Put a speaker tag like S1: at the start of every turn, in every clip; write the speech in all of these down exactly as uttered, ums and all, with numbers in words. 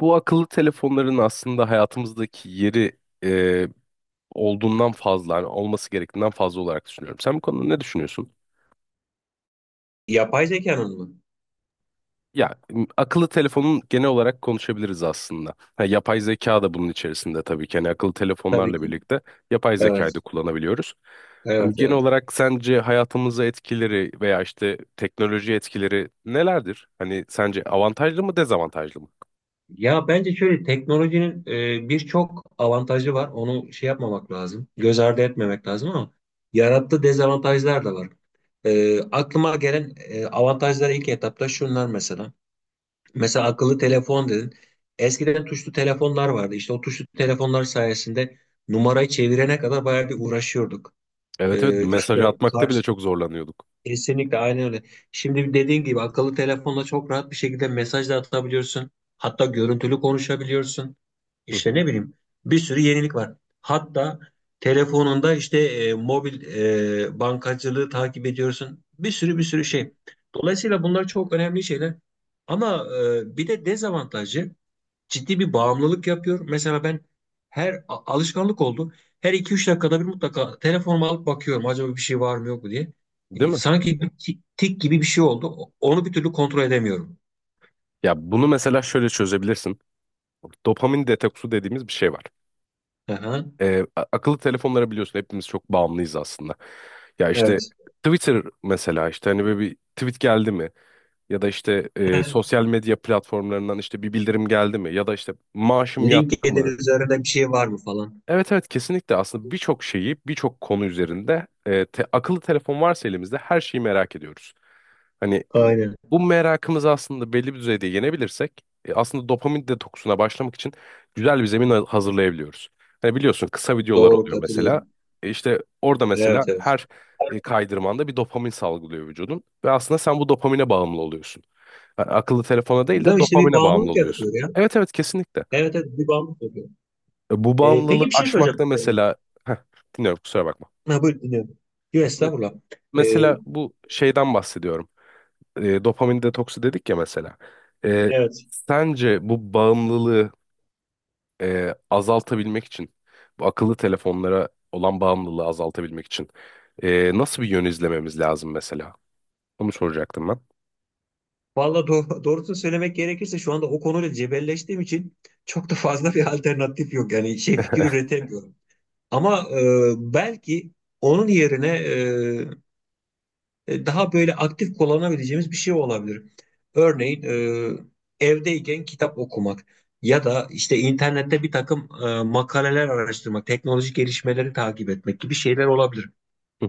S1: Bu akıllı telefonların aslında hayatımızdaki yeri e, olduğundan fazla, hani olması gerektiğinden fazla olarak düşünüyorum. Sen bu konuda ne düşünüyorsun?
S2: Yapay zekanın mı?
S1: Ya m- akıllı telefonun genel olarak konuşabiliriz aslında. Ha, yapay zeka da bunun içerisinde tabii ki. Hani akıllı
S2: Tabii
S1: telefonlarla
S2: ki.
S1: birlikte yapay
S2: Evet.
S1: zekayı da kullanabiliyoruz. Hani
S2: Evet,
S1: genel
S2: evet.
S1: olarak sence hayatımıza etkileri veya işte teknoloji etkileri nelerdir? Hani sence avantajlı mı dezavantajlı mı?
S2: Ya bence şöyle teknolojinin e, birçok avantajı var. Onu şey yapmamak lazım. Göz ardı etmemek lazım, ama yarattığı dezavantajlar da var. E, aklıma gelen e, avantajlar ilk etapta şunlar mesela. Mesela akıllı telefon dedin. Eskiden tuşlu telefonlar vardı. İşte o tuşlu telefonlar sayesinde numarayı çevirene kadar bayağı bir uğraşıyorduk.
S1: Evet evet
S2: E,
S1: mesaj
S2: işte
S1: atmakta bile
S2: kar-
S1: çok zorlanıyorduk.
S2: Kesinlikle aynen öyle. Şimdi dediğin gibi akıllı telefonla çok rahat bir şekilde mesaj da atabiliyorsun. Hatta görüntülü konuşabiliyorsun.
S1: Hı
S2: İşte
S1: hı.
S2: ne bileyim bir sürü yenilik var. Hatta telefonunda işte e, mobil e, bankacılığı takip ediyorsun. Bir sürü bir
S1: Hı
S2: sürü
S1: hı.
S2: şey. Dolayısıyla bunlar çok önemli şeyler. Ama e, bir de dezavantajı ciddi bir bağımlılık yapıyor. Mesela ben her a- alışkanlık oldu. Her iki üç dakikada bir mutlaka telefonumu alıp bakıyorum, acaba bir şey var mı yok mu diye.
S1: Değil
S2: E,
S1: mi?
S2: Sanki bir ti- tik gibi bir şey oldu. O- Onu bir türlü kontrol edemiyorum.
S1: Ya bunu mesela şöyle çözebilirsin. Dopamin detoksu dediğimiz bir şey var.
S2: Aha,
S1: Ee, a- akıllı telefonlara biliyorsun hepimiz çok bağımlıyız aslında. Ya işte
S2: evet.
S1: Twitter mesela işte hani böyle bir tweet geldi mi? Ya da işte e, sosyal medya platformlarından işte bir bildirim geldi mi? Ya da işte maaşım yattı
S2: LinkedIn
S1: mı?
S2: üzerinde bir şey var mı falan.
S1: Evet evet kesinlikle aslında birçok şeyi birçok konu üzerinde e, te- akıllı telefon varsa elimizde her şeyi merak ediyoruz. Hani m,
S2: Aynen.
S1: Bu merakımızı aslında belli bir düzeyde yenebilirsek e, aslında dopamin detoksuna başlamak için güzel bir zemin ha- hazırlayabiliyoruz. Hani biliyorsun kısa videolar
S2: Doğru,
S1: oluyor mesela.
S2: katılıyorum.
S1: E, işte orada mesela
S2: Evet, evet.
S1: her e, kaydırmanda bir dopamin salgılıyor vücudun ve aslında sen bu dopamine bağımlı oluyorsun. Yani akıllı telefona değil
S2: Değil
S1: de
S2: mi? İşte bir
S1: dopamine bağımlı
S2: bağımlılık
S1: oluyorsun.
S2: yaratıyor ya.
S1: Evet evet kesinlikle.
S2: Evet, evet, bir bağımlılık yapıyor.
S1: E, Bu
S2: E, peki
S1: bağımlılığı
S2: bir şey soracağım.
S1: aşmakta mesela Heh, dinliyorum, kusura bakma.
S2: E, ha, buyur dinliyorum. Yok
S1: Me-
S2: estağfurullah. E,
S1: Mesela bu şeyden bahsediyorum. E, dopamin detoksu dedik ya mesela. E,
S2: evet.
S1: Sence bu bağımlılığı e, azaltabilmek için, bu akıllı telefonlara olan bağımlılığı azaltabilmek için e, nasıl bir yön izlememiz lazım mesela? Onu soracaktım ben.
S2: Valla doğ doğrusunu söylemek gerekirse şu anda o konuyla cebelleştiğim için çok da fazla bir alternatif yok. Yani şey, fikir üretemiyorum. Ama e, belki onun yerine e, e, daha böyle aktif kullanabileceğimiz bir şey olabilir. Örneğin e, evdeyken kitap okumak ya da işte internette bir takım e, makaleler araştırmak, teknolojik gelişmeleri takip etmek gibi şeyler olabilir.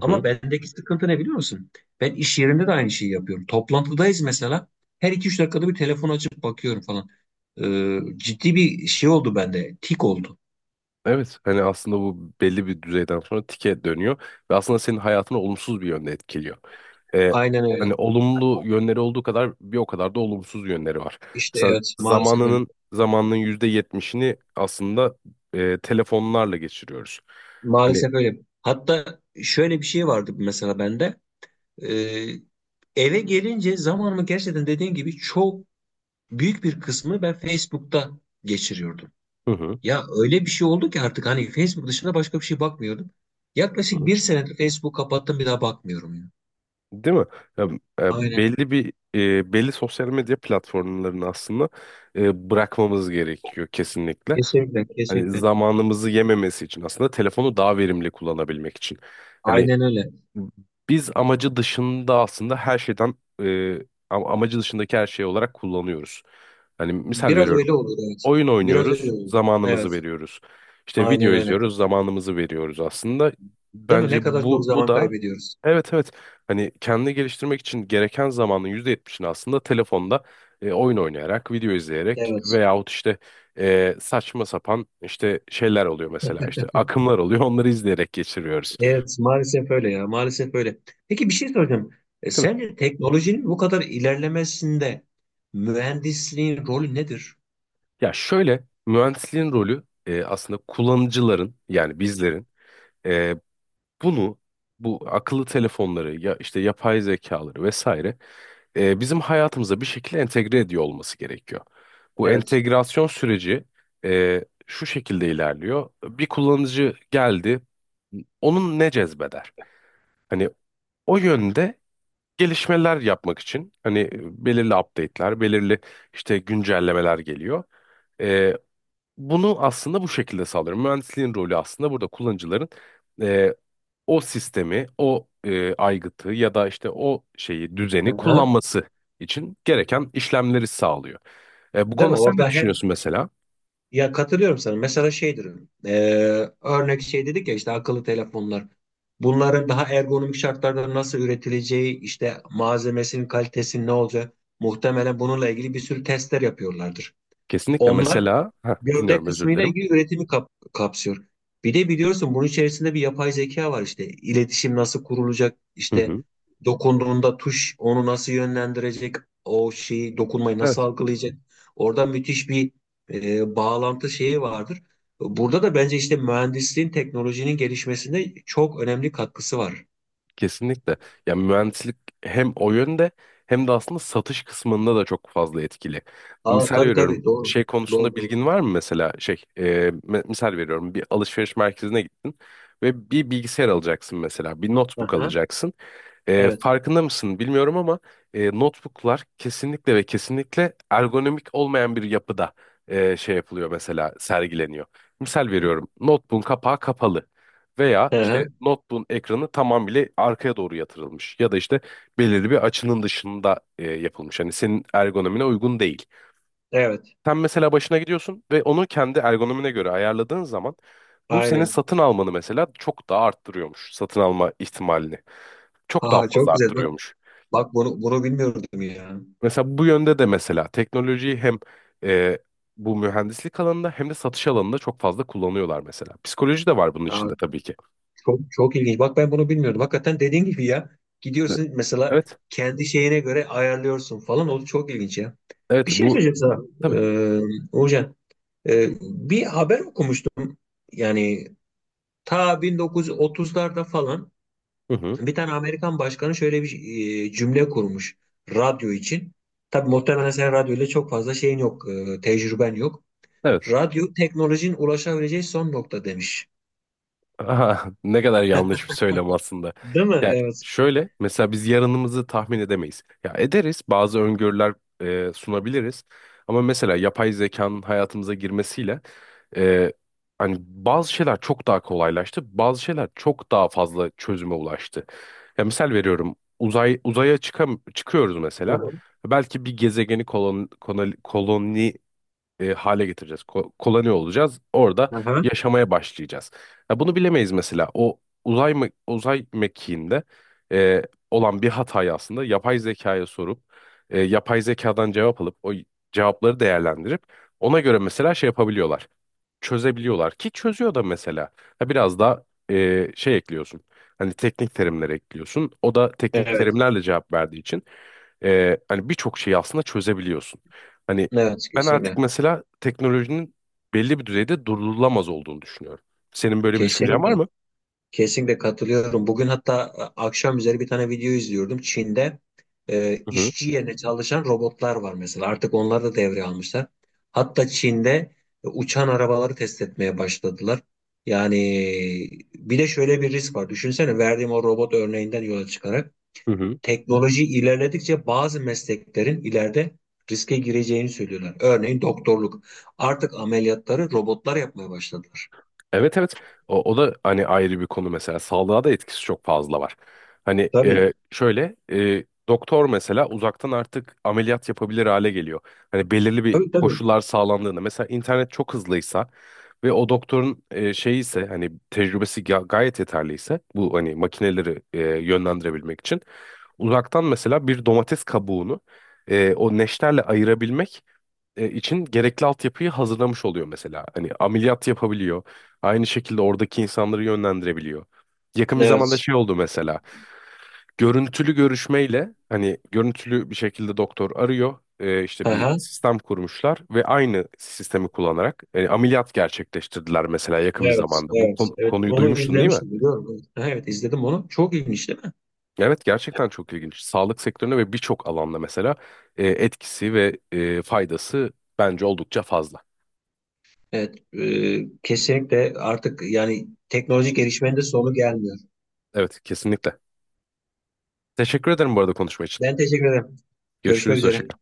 S2: Ama bendeki sıkıntı ne biliyor musun? Ben iş yerinde de aynı şeyi yapıyorum. Toplantıdayız mesela. Her iki üç dakikada bir telefon açıp bakıyorum falan. Ee, ciddi bir şey oldu bende. Tik oldu.
S1: Evet, hani aslında bu belli bir düzeyden sonra tike dönüyor ve aslında senin hayatını olumsuz bir yönde etkiliyor. Ee,
S2: Aynen öyle.
S1: Hani olumlu yönleri olduğu kadar bir o kadar da olumsuz yönleri var.
S2: İşte
S1: Mesela
S2: evet, maalesef öyle.
S1: zamanının zamanının yüzde yetmişini aslında e, telefonlarla geçiriyoruz. Hani
S2: Maalesef öyle. Hatta şöyle bir şey vardı mesela bende. Ee, Eve gelince zamanımı gerçekten dediğin gibi çok büyük bir kısmı ben Facebook'ta geçiriyordum.
S1: hı hı,
S2: Ya öyle bir şey oldu ki artık hani Facebook dışında başka bir şey bakmıyordum.
S1: hı
S2: Yaklaşık
S1: hı.
S2: bir senedir Facebook kapattım, bir daha bakmıyorum ya.
S1: Değil mi? Ya, e,
S2: Aynen.
S1: belli bir e, belli sosyal medya platformlarını aslında e, bırakmamız gerekiyor kesinlikle.
S2: Kesinlikle,
S1: Hani
S2: kesinlikle.
S1: zamanımızı yememesi için aslında telefonu daha verimli kullanabilmek için. Hani
S2: Aynen öyle.
S1: biz amacı dışında aslında her şeyden e, am- amacı dışındaki her şey olarak kullanıyoruz. Hani misal
S2: Biraz
S1: veriyorum,
S2: öyle olur, evet.
S1: oyun
S2: Biraz
S1: oynuyoruz,
S2: öyle olur.
S1: zamanımızı
S2: Evet.
S1: veriyoruz. İşte video
S2: Aynen öyle.
S1: izliyoruz, zamanımızı veriyoruz aslında.
S2: Değil mi?
S1: Bence
S2: Ne kadar çok
S1: bu bu
S2: zaman
S1: da
S2: kaybediyoruz.
S1: evet evet hani kendini geliştirmek için gereken zamanın yüzde yetmişini aslında telefonda e, oyun oynayarak, video izleyerek
S2: Evet.
S1: veyahut işte e, saçma sapan işte şeyler oluyor, mesela işte akımlar oluyor onları izleyerek geçiriyoruz.
S2: Evet, maalesef öyle ya. Maalesef öyle. Peki bir şey soracağım. E,
S1: Değil mi?
S2: sence teknolojinin bu kadar ilerlemesinde mühendisliğin rolü nedir?
S1: Ya şöyle, mühendisliğin rolü e, aslında kullanıcıların, yani bizlerin, e, bunu, bu akıllı telefonları ya işte yapay zekaları vesaire e, bizim hayatımıza bir şekilde entegre ediyor olması gerekiyor. Bu
S2: Evet.
S1: entegrasyon süreci e, şu şekilde ilerliyor. Bir kullanıcı geldi, onun ne cezbeder? Hani o yönde gelişmeler yapmak için hani belirli update'ler, belirli işte güncellemeler geliyor. E, Bunu aslında bu şekilde sağlıyorum. Mühendisliğin rolü aslında burada kullanıcıların o sistemi, o e, aygıtı ya da işte o şeyi, düzeni
S2: Hı-hı.
S1: kullanması için gereken işlemleri sağlıyor. E, bu
S2: Değil mi?
S1: konuda sen ne
S2: Orada hem
S1: düşünüyorsun mesela?
S2: ya katılıyorum sana. Mesela şeydir. e, Örnek şey dedik ya, işte akıllı telefonlar. Bunların daha ergonomik şartlarda nasıl üretileceği, işte malzemesinin kalitesinin ne olacağı, muhtemelen bununla ilgili bir sürü testler yapıyorlardır.
S1: Kesinlikle
S2: Onlar
S1: mesela. Heh,
S2: gövde
S1: dinliyorum, özür
S2: kısmıyla
S1: dilerim.
S2: ilgili üretimi kap- kapsıyor. Bir de biliyorsun bunun içerisinde bir yapay zeka var işte. İletişim nasıl kurulacak?
S1: Hı
S2: İşte
S1: hı.
S2: dokunduğunda tuş onu nasıl yönlendirecek? O şeyi dokunmayı
S1: Evet.
S2: nasıl algılayacak? Orada müthiş bir e, bağlantı şeyi vardır. Burada da bence işte mühendisliğin, teknolojinin gelişmesinde çok önemli katkısı var.
S1: Kesinlikle. Ya mühendislik hem o yönde hem de aslında satış kısmında da çok fazla etkili.
S2: Aa,
S1: Misal
S2: tabii
S1: veriyorum.
S2: tabii, doğru.
S1: Şey
S2: Doğru,
S1: konusunda
S2: doğru.
S1: bilgin var mı mesela? Şey, e, me- misal veriyorum. Bir alışveriş merkezine gittin ve bir bilgisayar alacaksın mesela. Bir notebook
S2: Aha,
S1: alacaksın. E,
S2: evet.
S1: farkında mısın bilmiyorum ama e, notebooklar kesinlikle ve kesinlikle ergonomik olmayan bir yapıda e, şey yapılıyor, mesela sergileniyor. Misal veriyorum, notebook'un kapağı kapalı veya
S2: Aha,
S1: işte notebook'un ekranı tamamıyla arkaya doğru yatırılmış ya da işte belirli bir açının dışında e, yapılmış. Hani senin ergonomine uygun değil.
S2: evet.
S1: Sen mesela başına gidiyorsun ve onu kendi ergonomine göre ayarladığın zaman bu senin
S2: Aynen.
S1: satın almanı mesela çok daha arttırıyormuş. Satın alma ihtimalini çok daha
S2: Ha, çok
S1: fazla
S2: güzel. Bak,
S1: arttırıyormuş.
S2: bak, bunu bunu bilmiyordum ya.
S1: Mesela bu yönde de mesela teknolojiyi hem e, bu mühendislik alanında hem de satış alanında çok fazla kullanıyorlar mesela. Psikoloji de var bunun
S2: Aa,
S1: içinde tabii ki.
S2: çok çok ilginç. Bak, ben bunu bilmiyordum. Hakikaten dediğin gibi ya. Gidiyorsun mesela
S1: Evet,
S2: kendi şeyine göre ayarlıyorsun falan. O çok ilginç ya.
S1: evet,
S2: Bir şey
S1: bu
S2: söyleyeceğim sana.
S1: tabii.
S2: Ee, Uğurcan. Ee, bir haber okumuştum. Yani ta on dokuz otuzlarda falan
S1: Hı hı,
S2: bir tane Amerikan başkanı şöyle bir e, cümle kurmuş radyo için. Tabii muhtemelen sen radyoyla çok fazla şeyin yok, e, tecrüben yok.
S1: evet.
S2: Radyo teknolojinin ulaşabileceği son nokta demiş.
S1: Aha, ne kadar yanlış bir söylem aslında.
S2: Değil mi?
S1: Ya
S2: Evet.
S1: şöyle, mesela biz yarınımızı tahmin edemeyiz. Ya ederiz, bazı öngörüler e, sunabiliriz. Ama mesela yapay zekanın hayatımıza girmesiyle e, hani bazı şeyler çok daha kolaylaştı. Bazı şeyler çok daha fazla çözüme ulaştı. Ya misal veriyorum, uzay uzaya çıkam çıkıyoruz
S2: Hı
S1: mesela.
S2: hı.
S1: Belki bir gezegeni kolon, koloni, e, hale getireceğiz. Ko koloni olacağız. Orada
S2: Hı hı.
S1: yaşamaya başlayacağız. Ha, bunu bilemeyiz mesela. O uzay me- uzay mekiğinde e, olan bir hatayı aslında yapay zekaya sorup e, yapay zekadan cevap alıp o cevapları değerlendirip ona göre mesela şey yapabiliyorlar. Çözebiliyorlar, ki çözüyor da mesela. Ha, biraz da e, şey ekliyorsun. Hani teknik terimler ekliyorsun. O da teknik
S2: Evet.
S1: terimlerle cevap verdiği için e, hani birçok şeyi aslında çözebiliyorsun. Hani
S2: Evet
S1: ben artık
S2: kesinlikle.
S1: mesela teknolojinin belli bir düzeyde durdurulamaz olduğunu düşünüyorum. Senin böyle bir düşüncen
S2: Kesinlikle.
S1: var mı?
S2: Kesinlikle katılıyorum. Bugün hatta e, akşam üzeri bir tane video izliyordum. Çin'de e,
S1: Hı hı.
S2: işçi yerine çalışan robotlar var mesela. Artık onları da devreye almışlar. Hatta Çin'de e, uçan arabaları test etmeye başladılar. Yani bir de şöyle bir risk var. Düşünsene, verdiğim o robot örneğinden yola çıkarak
S1: Hı hı.
S2: teknoloji ilerledikçe bazı mesleklerin ileride riske gireceğini söylüyorlar. Örneğin doktorluk. Artık ameliyatları robotlar yapmaya başladılar.
S1: Evet evet o, o da hani ayrı bir konu, mesela sağlığa da etkisi çok fazla var. Hani
S2: Tabii.
S1: e, şöyle e, doktor mesela uzaktan artık ameliyat yapabilir hale geliyor. Hani belirli bir
S2: Tabii, tabii.
S1: koşullar sağlandığında mesela internet çok hızlıysa ve o doktorun e, şeyi ise, hani tecrübesi ga- gayet yeterliyse, bu hani makineleri e, yönlendirebilmek için uzaktan mesela bir domates kabuğunu e, o neşterle ayırabilmek e, için gerekli altyapıyı hazırlamış oluyor mesela. Hani ameliyat yapabiliyor. Aynı şekilde oradaki insanları yönlendirebiliyor. Yakın bir zamanda
S2: Evet.
S1: şey oldu mesela. Görüntülü görüşmeyle hani görüntülü bir şekilde doktor arıyor. E, işte bir
S2: Aha.
S1: sistem kurmuşlar ve aynı sistemi kullanarak e, ameliyat gerçekleştirdiler mesela, yakın bir
S2: Evet.
S1: zamanda. Bu
S2: Evet.
S1: kon-
S2: Evet.
S1: konuyu
S2: Onu
S1: duymuştun değil mi?
S2: izlemiştim, biliyorum. Evet, aha, evet, izledim onu. Çok ilginç değil mi?
S1: Evet, gerçekten çok ilginç. Sağlık sektörüne ve birçok alanda mesela e, etkisi ve e, faydası bence oldukça fazla.
S2: Evet. E, kesinlikle, artık yani teknolojik gelişmenin de sonu gelmiyor.
S1: Evet, kesinlikle. Teşekkür ederim bu arada konuşma için.
S2: Ben teşekkür ederim. Görüşmek
S1: Görüşürüz. Hoşça
S2: üzere.
S1: kal.